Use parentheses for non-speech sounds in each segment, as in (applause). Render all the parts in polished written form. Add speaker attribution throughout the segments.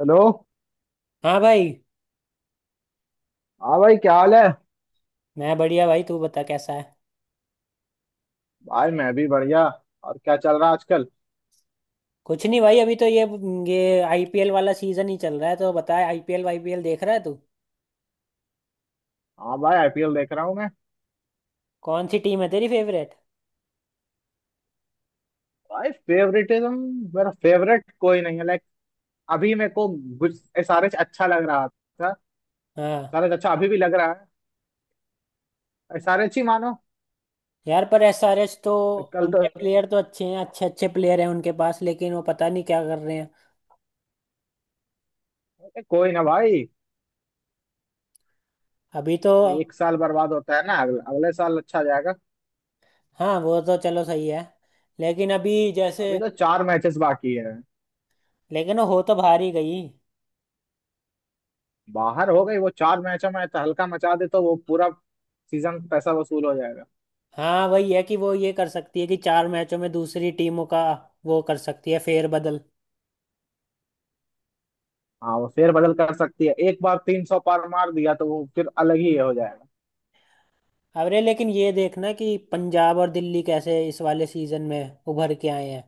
Speaker 1: Hello.
Speaker 2: हाँ भाई।
Speaker 1: हाँ भाई क्या हाल है।
Speaker 2: मैं बढ़िया भाई, तू बता कैसा है।
Speaker 1: भाई मैं भी बढ़िया। और क्या चल रहा है आजकल।
Speaker 2: कुछ नहीं भाई, अभी तो ये आईपीएल वाला सीजन ही चल रहा है। तो बता, आईपीएल आईपीएल देख रहा है तू?
Speaker 1: हाँ भाई आईपीएल देख रहा हूँ मैं।
Speaker 2: कौन सी टीम है तेरी फेवरेट?
Speaker 1: भाई फेवरेटिज्म मेरा फेवरेट कोई नहीं है लाइक। अभी मेरे को एसआरएच अच्छा लग रहा था।
Speaker 2: हाँ,
Speaker 1: एसआरएच अच्छा अभी भी लग रहा है। एसआरएच ही मानो।
Speaker 2: यार पर एसआरएच तो,
Speaker 1: कल तो।
Speaker 2: उनके प्लेयर तो अच्छे हैं, अच्छे अच्छे प्लेयर हैं उनके पास, लेकिन वो पता नहीं क्या कर रहे हैं।
Speaker 1: कोई ना भाई।
Speaker 2: अभी तो।
Speaker 1: एक साल बर्बाद होता है ना, अगले, अगले साल अच्छा जाएगा।
Speaker 2: हाँ वो तो चलो सही है। लेकिन अभी जैसे,
Speaker 1: अभी तो चार मैचेस बाकी है।
Speaker 2: लेकिन वो हो तो बाहर ही गई।
Speaker 1: बाहर हो गई वो, चार मैचों में तो हल्का मचा दे तो वो पूरा सीजन पैसा वसूल हो।
Speaker 2: हाँ वही है कि वो ये कर सकती है कि चार मैचों में दूसरी टीमों का वो कर सकती है फेरबदल।
Speaker 1: हाँ वो फेर बदल कर सकती है, एक बार 300 पार मार दिया तो वो फिर अलग ही हो जाएगा।
Speaker 2: अरे लेकिन ये देखना कि पंजाब और दिल्ली कैसे इस वाले सीजन में उभर के आए हैं।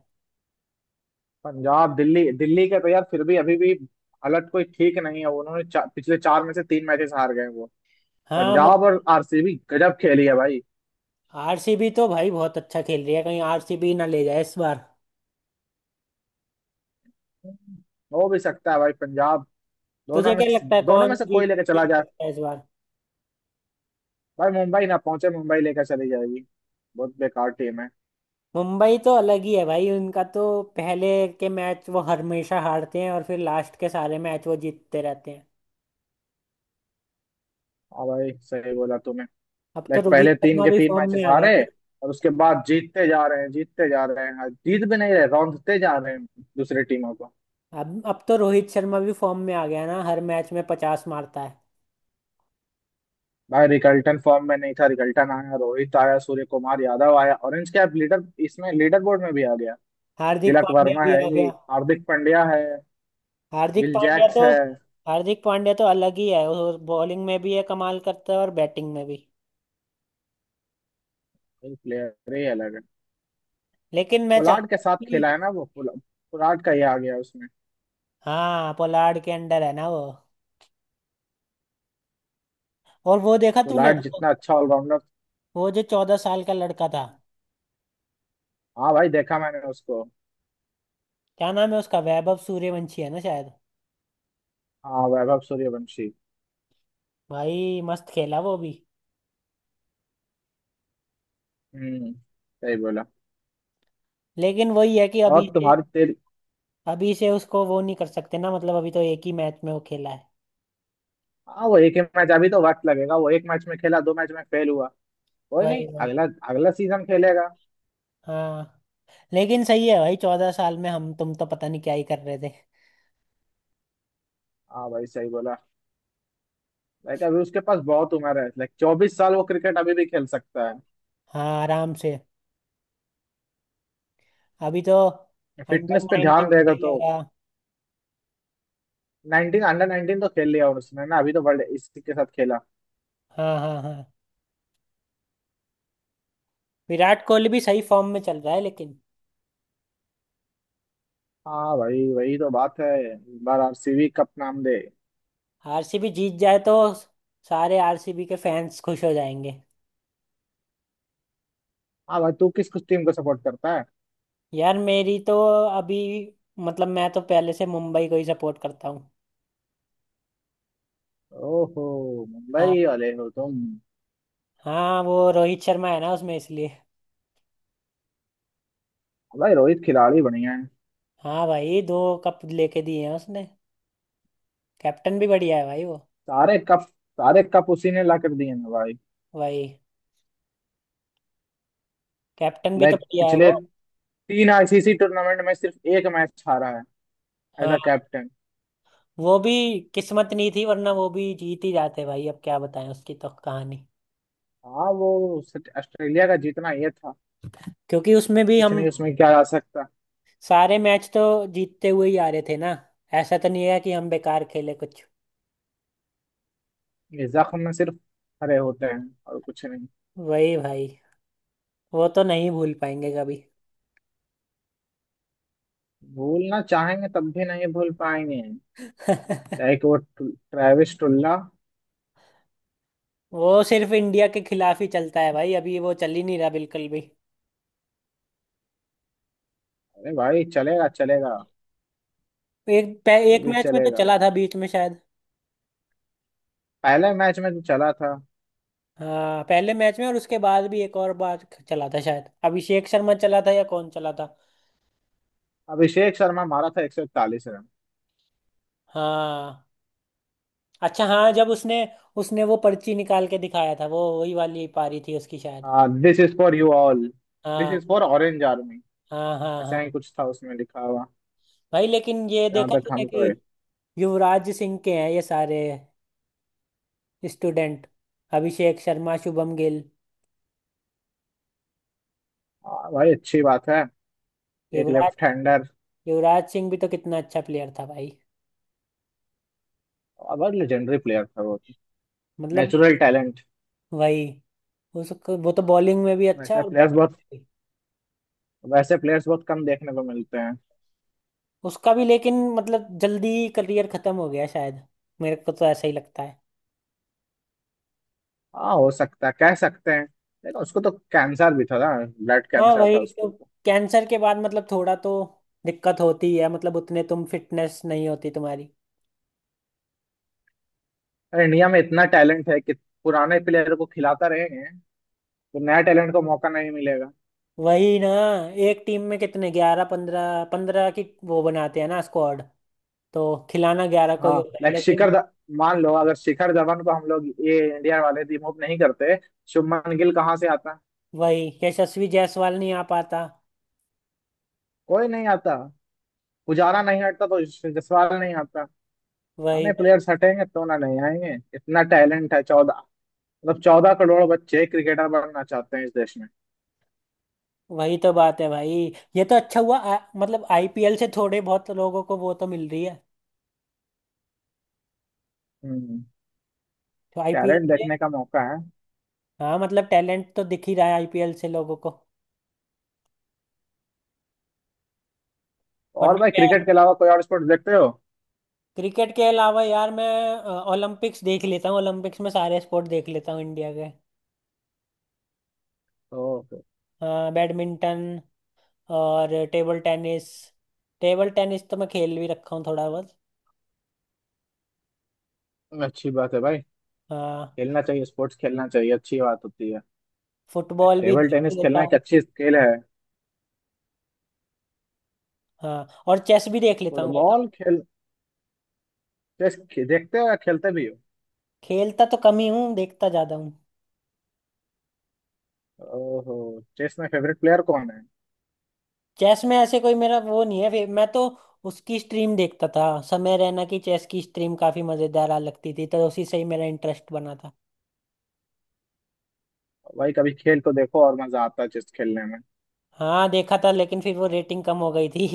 Speaker 1: पंजाब दिल्ली, दिल्ली के तो यार फिर भी अभी भी हालत कोई ठीक नहीं है। उन्होंने पिछले चार में से तीन मैचेस हार गए वो।
Speaker 2: हाँ
Speaker 1: पंजाब
Speaker 2: मतलब।
Speaker 1: और आरसीबी गजब खेली है भाई।
Speaker 2: आरसीबी तो भाई बहुत अच्छा खेल रही है, कहीं आरसीबी ना ले जाए इस बार।
Speaker 1: हो भी सकता है भाई। पंजाब दोनों
Speaker 2: तुझे
Speaker 1: में
Speaker 2: क्या लगता है
Speaker 1: दोनों
Speaker 2: कौन
Speaker 1: में से कोई
Speaker 2: जीत
Speaker 1: लेके चला
Speaker 2: जीत
Speaker 1: जाए।
Speaker 2: सकता है इस बार?
Speaker 1: भाई मुंबई ना पहुंचे, मुंबई लेकर चली जाएगी। बहुत बेकार टीम है।
Speaker 2: मुंबई तो अलग ही है भाई, उनका तो पहले के मैच वो हमेशा हारते हैं और फिर लास्ट के सारे मैच वो जीतते रहते हैं।
Speaker 1: हाँ भाई सही बोला तूने।
Speaker 2: अब तो
Speaker 1: लाइक
Speaker 2: रोहित
Speaker 1: पहले तीन
Speaker 2: शर्मा
Speaker 1: के
Speaker 2: भी
Speaker 1: तीन
Speaker 2: फॉर्म
Speaker 1: मैचेस
Speaker 2: में आ गया
Speaker 1: हारे
Speaker 2: है।
Speaker 1: और उसके बाद जीतते जा रहे हैं, जीतते जा रहे हैं। हाँ, जीत भी नहीं रहे, रौंदते जा रहे हैं दूसरी टीमों को।
Speaker 2: ना अब तो रोहित शर्मा भी फॉर्म में आ गया है ना, हर मैच में 50 मारता है।
Speaker 1: भाई रिकल्टन फॉर्म में नहीं था, रिकल्टन आया, रोहित आया, सूर्य कुमार यादव आया, ऑरेंज कैप लीडर इसमें लीडर बोर्ड में भी आ गया।
Speaker 2: हार्दिक
Speaker 1: तिलक
Speaker 2: पांड्या
Speaker 1: वर्मा
Speaker 2: भी
Speaker 1: है
Speaker 2: आ
Speaker 1: ही,
Speaker 2: गया।
Speaker 1: हार्दिक पांड्या है,
Speaker 2: हार्दिक
Speaker 1: विल
Speaker 2: पांड्या
Speaker 1: जैक्स
Speaker 2: तो
Speaker 1: है।
Speaker 2: हार्दिक पांड्या तो अलग ही है, वो बॉलिंग में भी है, कमाल करता है, और बैटिंग में भी।
Speaker 1: ये प्लेयर ही अलग है।
Speaker 2: लेकिन मैं
Speaker 1: पोलार्ड के
Speaker 2: चाहता
Speaker 1: साथ
Speaker 2: हूँ
Speaker 1: खेला
Speaker 2: कि,
Speaker 1: है ना वो पोलार्ड का ही आ गया उसमें।
Speaker 2: हाँ पोलार्ड के अंडर है ना वो। और वो देखा तूने,
Speaker 1: पोलार्ड जितना अच्छा ऑलराउंडर।
Speaker 2: वो जो 14 साल का लड़का था,
Speaker 1: हाँ भाई देखा मैंने उसको।
Speaker 2: क्या नाम है उसका, वैभव सूर्यवंशी है ना शायद?
Speaker 1: हाँ वैभव सूर्यवंशी।
Speaker 2: भाई मस्त खेला वो भी।
Speaker 1: हम्म। सही बोला।
Speaker 2: लेकिन वही है कि
Speaker 1: और
Speaker 2: अभी से
Speaker 1: तुम्हारी तेरी।
Speaker 2: अभी से उसको वो नहीं कर सकते ना, मतलब अभी तो एक ही मैच में वो खेला है।
Speaker 1: हाँ वो एक ही मैच, अभी तो वक्त लगेगा, वो एक मैच में खेला, दो मैच में फेल हुआ। कोई नहीं,
Speaker 2: वही वही।
Speaker 1: अगला अगला सीजन खेलेगा।
Speaker 2: हाँ, लेकिन सही है भाई, 14 साल में हम तुम तो पता नहीं क्या ही कर रहे थे।
Speaker 1: हाँ भाई सही बोला। लाइक अभी उसके पास बहुत उम्र है, लाइक 24 साल वो क्रिकेट अभी भी खेल सकता है।
Speaker 2: हाँ आराम से। अभी तो अंडर
Speaker 1: फिटनेस पे
Speaker 2: नाइनटीन
Speaker 1: ध्यान देगा तो।
Speaker 2: खेलेगा।
Speaker 1: नाइनटीन अंडर नाइनटीन तो खेल लिया उसने ना, अभी तो वर्ल्ड इसी के साथ खेला।
Speaker 2: हाँ हाँ हाँ। विराट कोहली भी सही फॉर्म में चल रहा है लेकिन,
Speaker 1: हाँ भाई वही तो बात है। इस बार आरसीबी कप नाम दे।
Speaker 2: आरसीबी जीत जाए तो सारे आरसीबी के फैंस खुश हो जाएंगे।
Speaker 1: हाँ भाई तू किस किस टीम को सपोर्ट करता है।
Speaker 2: यार मेरी तो, अभी मतलब मैं तो पहले से मुंबई को ही सपोर्ट करता हूँ।
Speaker 1: ओहो
Speaker 2: हाँ।
Speaker 1: मुंबई वाले हो तुम।
Speaker 2: हाँ, वो रोहित शर्मा है ना उसमें, इसलिए।
Speaker 1: भाई रोहित खिलाड़ी बढ़िया है,
Speaker 2: हाँ भाई, 2 कप लेके दिए हैं उसने। कैप्टन भी बढ़िया है भाई वो।
Speaker 1: सारे कप, सारे कप उसी ने ला कर दिए ना भाई।
Speaker 2: भाई, कैप्टन भी तो
Speaker 1: लाइक
Speaker 2: बढ़िया है वो।
Speaker 1: पिछले तीन आईसीसी टूर्नामेंट में सिर्फ एक मैच हारा है। एज अ
Speaker 2: हाँ,
Speaker 1: कैप्टन।
Speaker 2: वो भी किस्मत नहीं थी, वरना वो भी जीत ही जाते भाई, अब क्या बताएं उसकी तो कहानी।
Speaker 1: हाँ वो सिर्फ ऑस्ट्रेलिया का जीतना ये था।
Speaker 2: क्योंकि उसमें भी
Speaker 1: कुछ
Speaker 2: हम
Speaker 1: नहीं उसमें क्या आ सकता।
Speaker 2: सारे मैच तो जीतते हुए ही आ रहे थे ना। ऐसा तो नहीं है कि हम बेकार खेले कुछ।
Speaker 1: ये जख्म में सिर्फ हरे होते हैं, और कुछ नहीं।
Speaker 2: वही भाई, वो तो नहीं भूल पाएंगे कभी।
Speaker 1: भूलना चाहेंगे तब भी नहीं भूल पाएंगे।
Speaker 2: (laughs)
Speaker 1: लाइक वो ट्रेविस टुल्ला।
Speaker 2: वो सिर्फ इंडिया के खिलाफ ही चलता है भाई, अभी वो चल ही नहीं रहा बिल्कुल भी।
Speaker 1: अरे भाई चलेगा चलेगा। वो
Speaker 2: एक
Speaker 1: भी
Speaker 2: मैच में तो
Speaker 1: चलेगा।
Speaker 2: चला था बीच में शायद।
Speaker 1: पहले मैच में तो चला था।
Speaker 2: हाँ पहले मैच में, और उसके बाद भी एक और बार चला था शायद, अभिषेक शर्मा चला था या कौन चला था।
Speaker 1: अभिषेक शर्मा मारा था 141 रन।
Speaker 2: हाँ अच्छा, हाँ जब उसने उसने वो पर्ची निकाल के दिखाया था, वो वही वाली पारी थी उसकी शायद।
Speaker 1: हाँ this is for you all. This
Speaker 2: हाँ
Speaker 1: इज फॉर ऑरेंज आर्मी।
Speaker 2: हाँ हाँ।
Speaker 1: ऐसा
Speaker 2: हाँ
Speaker 1: ही कुछ था उसमें लिखा हुआ।
Speaker 2: भाई, लेकिन ये
Speaker 1: जहाँ
Speaker 2: देखा
Speaker 1: तक
Speaker 2: तूने
Speaker 1: हमको
Speaker 2: कि
Speaker 1: है।
Speaker 2: युवराज सिंह के हैं ये सारे स्टूडेंट, अभिषेक शर्मा, शुभम गिल।
Speaker 1: हाँ भाई अच्छी बात है। एक
Speaker 2: युवराज
Speaker 1: लेफ्ट हैंडर।
Speaker 2: युवराज सिंह भी तो कितना अच्छा प्लेयर था भाई,
Speaker 1: बहुत लेजेंडरी प्लेयर था वो।
Speaker 2: मतलब।
Speaker 1: Natural talent.
Speaker 2: वही, उसको वो तो बॉलिंग में भी अच्छा
Speaker 1: वैसे
Speaker 2: और
Speaker 1: प्लेयर्स
Speaker 2: बैटिंग
Speaker 1: बहुत
Speaker 2: में भी।
Speaker 1: वैसे प्लेयर्स बहुत कम देखने को मिलते हैं।
Speaker 2: उसका भी लेकिन, मतलब जल्दी करियर खत्म हो गया शायद, मेरे को तो ऐसा ही लगता है।
Speaker 1: हाँ हो सकता है, कह सकते हैं, लेकिन उसको तो कैंसर भी था ना। ब्लड
Speaker 2: हाँ
Speaker 1: कैंसर था
Speaker 2: वही तो,
Speaker 1: उसको तो।
Speaker 2: कैंसर के बाद मतलब थोड़ा तो दिक्कत होती है, मतलब उतने तुम फिटनेस नहीं होती तुम्हारी।
Speaker 1: अरे इंडिया में इतना टैलेंट है कि पुराने प्लेयर को खिलाता रहेंगे तो नया टैलेंट को मौका नहीं मिलेगा।
Speaker 2: वही ना, एक टीम में कितने, 11, 15 15 की वो बनाते हैं ना स्क्वाड, तो खिलाना 11 को ही
Speaker 1: हाँ
Speaker 2: होता है
Speaker 1: लाइक
Speaker 2: लेकिन,
Speaker 1: मान लो, अगर शिखर धवन को हम लोग ये इंडिया वाले रिमूव नहीं करते, शुभमन गिल कहाँ से आता।
Speaker 2: वही यशस्वी जायसवाल नहीं आ पाता।
Speaker 1: कोई नहीं आता। पुजारा नहीं हटता तो जसवाल नहीं आता।
Speaker 2: वही
Speaker 1: आने
Speaker 2: वही,
Speaker 1: प्लेयर्स हटेंगे तो ना नहीं आएंगे, इतना टैलेंट है। 14, मतलब 14 करोड़ बच्चे क्रिकेटर बनना चाहते हैं इस देश में।
Speaker 2: वही तो बात है भाई। ये तो अच्छा हुआ मतलब आईपीएल से थोड़े बहुत लोगों को वो तो मिल रही है।
Speaker 1: हम्म।
Speaker 2: तो आईपीएल
Speaker 1: टैलेंट
Speaker 2: से,
Speaker 1: देखने का मौका है।
Speaker 2: हाँ मतलब टैलेंट तो दिख ही रहा है आईपीएल से लोगों को,
Speaker 1: और
Speaker 2: वरना
Speaker 1: भाई
Speaker 2: क्या।
Speaker 1: क्रिकेट के अलावा कोई और स्पोर्ट्स देखते हो।
Speaker 2: क्रिकेट के अलावा यार मैं ओलंपिक्स देख लेता हूँ, ओलंपिक्स में सारे स्पोर्ट देख लेता हूँ इंडिया के।
Speaker 1: तो।
Speaker 2: हाँ, बैडमिंटन और टेबल टेनिस। टेबल टेनिस तो मैं खेल भी रखा हूँ थोड़ा बहुत।
Speaker 1: अच्छी बात है भाई।
Speaker 2: हाँ।
Speaker 1: खेलना चाहिए, स्पोर्ट्स खेलना चाहिए, अच्छी बात होती है।
Speaker 2: फुटबॉल भी
Speaker 1: टेबल टेनिस
Speaker 2: देख लेता
Speaker 1: खेलना एक
Speaker 2: हूँ।
Speaker 1: अच्छी स्किल है।
Speaker 2: हाँ और चेस भी देख लेता हूँ भाई।
Speaker 1: फुटबॉल खेल। देखते हो या खेलते भी हो।
Speaker 2: खेलता तो कम ही हूँ, देखता ज्यादा हूँ।
Speaker 1: ओहो। चेस में फेवरेट प्लेयर कौन है।
Speaker 2: चेस में ऐसे कोई मेरा वो नहीं है, मैं तो उसकी स्ट्रीम देखता था, समय रैना की चेस की स्ट्रीम काफी मजेदार आ लगती थी, तो उसी से ही मेरा इंटरेस्ट बना था।
Speaker 1: भाई कभी खेल तो देखो, और मजा आता है चेस खेलने में।
Speaker 2: हाँ देखा था, लेकिन फिर वो रेटिंग कम हो गई थी।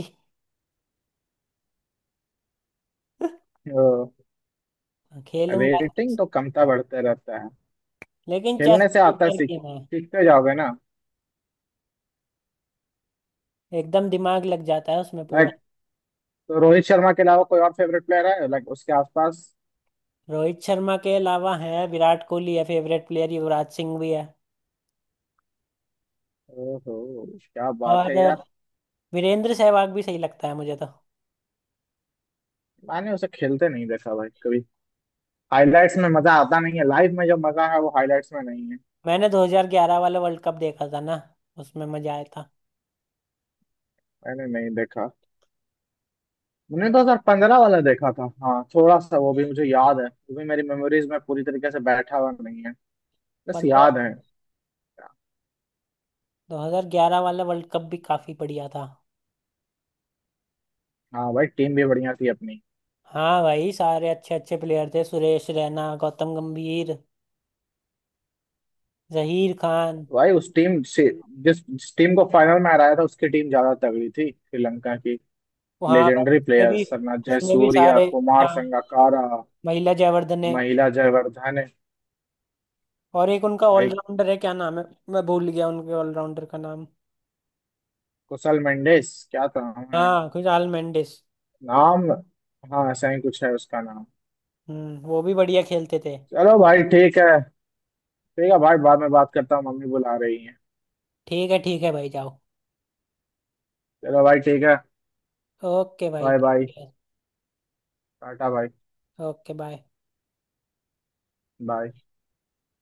Speaker 1: ओ,
Speaker 2: (laughs) खेलूंगा।
Speaker 1: रेटिंग तो कमता बढ़ते रहता है।
Speaker 2: लेकिन चेस
Speaker 1: खेलने से आता है
Speaker 2: मजेदार
Speaker 1: सीख,
Speaker 2: गेम है,
Speaker 1: सीखते जाओगे ना।
Speaker 2: एकदम दिमाग लग जाता है उसमें पूरा।
Speaker 1: लाइक। तो रोहित शर्मा के अलावा कोई और फेवरेट प्लेयर है लाइक उसके आसपास।
Speaker 2: रोहित शर्मा के अलावा है विराट कोहली है फेवरेट प्लेयर, युवराज सिंह भी है।
Speaker 1: ओहो। क्या बात
Speaker 2: और
Speaker 1: है यार।
Speaker 2: वीरेंद्र सहवाग भी सही लगता है मुझे तो।
Speaker 1: मैंने उसे खेलते नहीं देखा भाई कभी। हाइलाइट्स में मजा आता नहीं है, लाइव में जो मजा है वो हाइलाइट्स में नहीं है।
Speaker 2: मैंने 2011 वाला वर्ल्ड कप देखा था ना, उसमें मजा आया था।
Speaker 1: मैंने नहीं देखा। मैंने
Speaker 2: बढ़िया।
Speaker 1: 2015 वाला देखा था। हाँ थोड़ा सा वो भी मुझे याद है, वो भी मेरी मेमोरीज में पूरी तरीके से बैठा हुआ नहीं है, बस
Speaker 2: पंद्रह
Speaker 1: याद है।
Speaker 2: 2011 वाला वर्ल्ड कप भी काफी बढ़िया था।
Speaker 1: हाँ भाई टीम भी बढ़िया थी अपनी।
Speaker 2: हाँ भाई सारे अच्छे अच्छे प्लेयर थे, सुरेश रैना, गौतम गंभीर, जहीर खान।
Speaker 1: भाई उस टीम से, जिस जिस टीम को फाइनल में हराया था, उसकी टीम ज्यादा तगड़ी थी श्रीलंका की।
Speaker 2: हाँ भाई
Speaker 1: लेजेंडरी प्लेयर सरना
Speaker 2: इसमें भी
Speaker 1: जयसूर्या,
Speaker 2: सारे,
Speaker 1: कुमार
Speaker 2: हाँ,
Speaker 1: संगकारा,
Speaker 2: महिला जयवर्धने।
Speaker 1: महिला जयवर्धने।
Speaker 2: और एक उनका
Speaker 1: भाई
Speaker 2: ऑलराउंडर है, क्या नाम है, मैं भूल गया उनके ऑलराउंडर का नाम।
Speaker 1: कुशल मेंडिस क्या था, है
Speaker 2: हाँ कुछ आल मेंडिस।
Speaker 1: नाम। हाँ ऐसा ही कुछ है उसका नाम।
Speaker 2: हम्म। वो भी बढ़िया खेलते थे।
Speaker 1: चलो भाई ठीक है। ठीक है भाई, बाद में बात करता हूँ, मम्मी बुला रही है।
Speaker 2: ठीक है, ठीक है भाई जाओ।
Speaker 1: चलो भाई ठीक है।
Speaker 2: ओके भाई
Speaker 1: बाय बाय।
Speaker 2: ठीक है।
Speaker 1: टाटा भाई।
Speaker 2: Okay bye.
Speaker 1: बाय।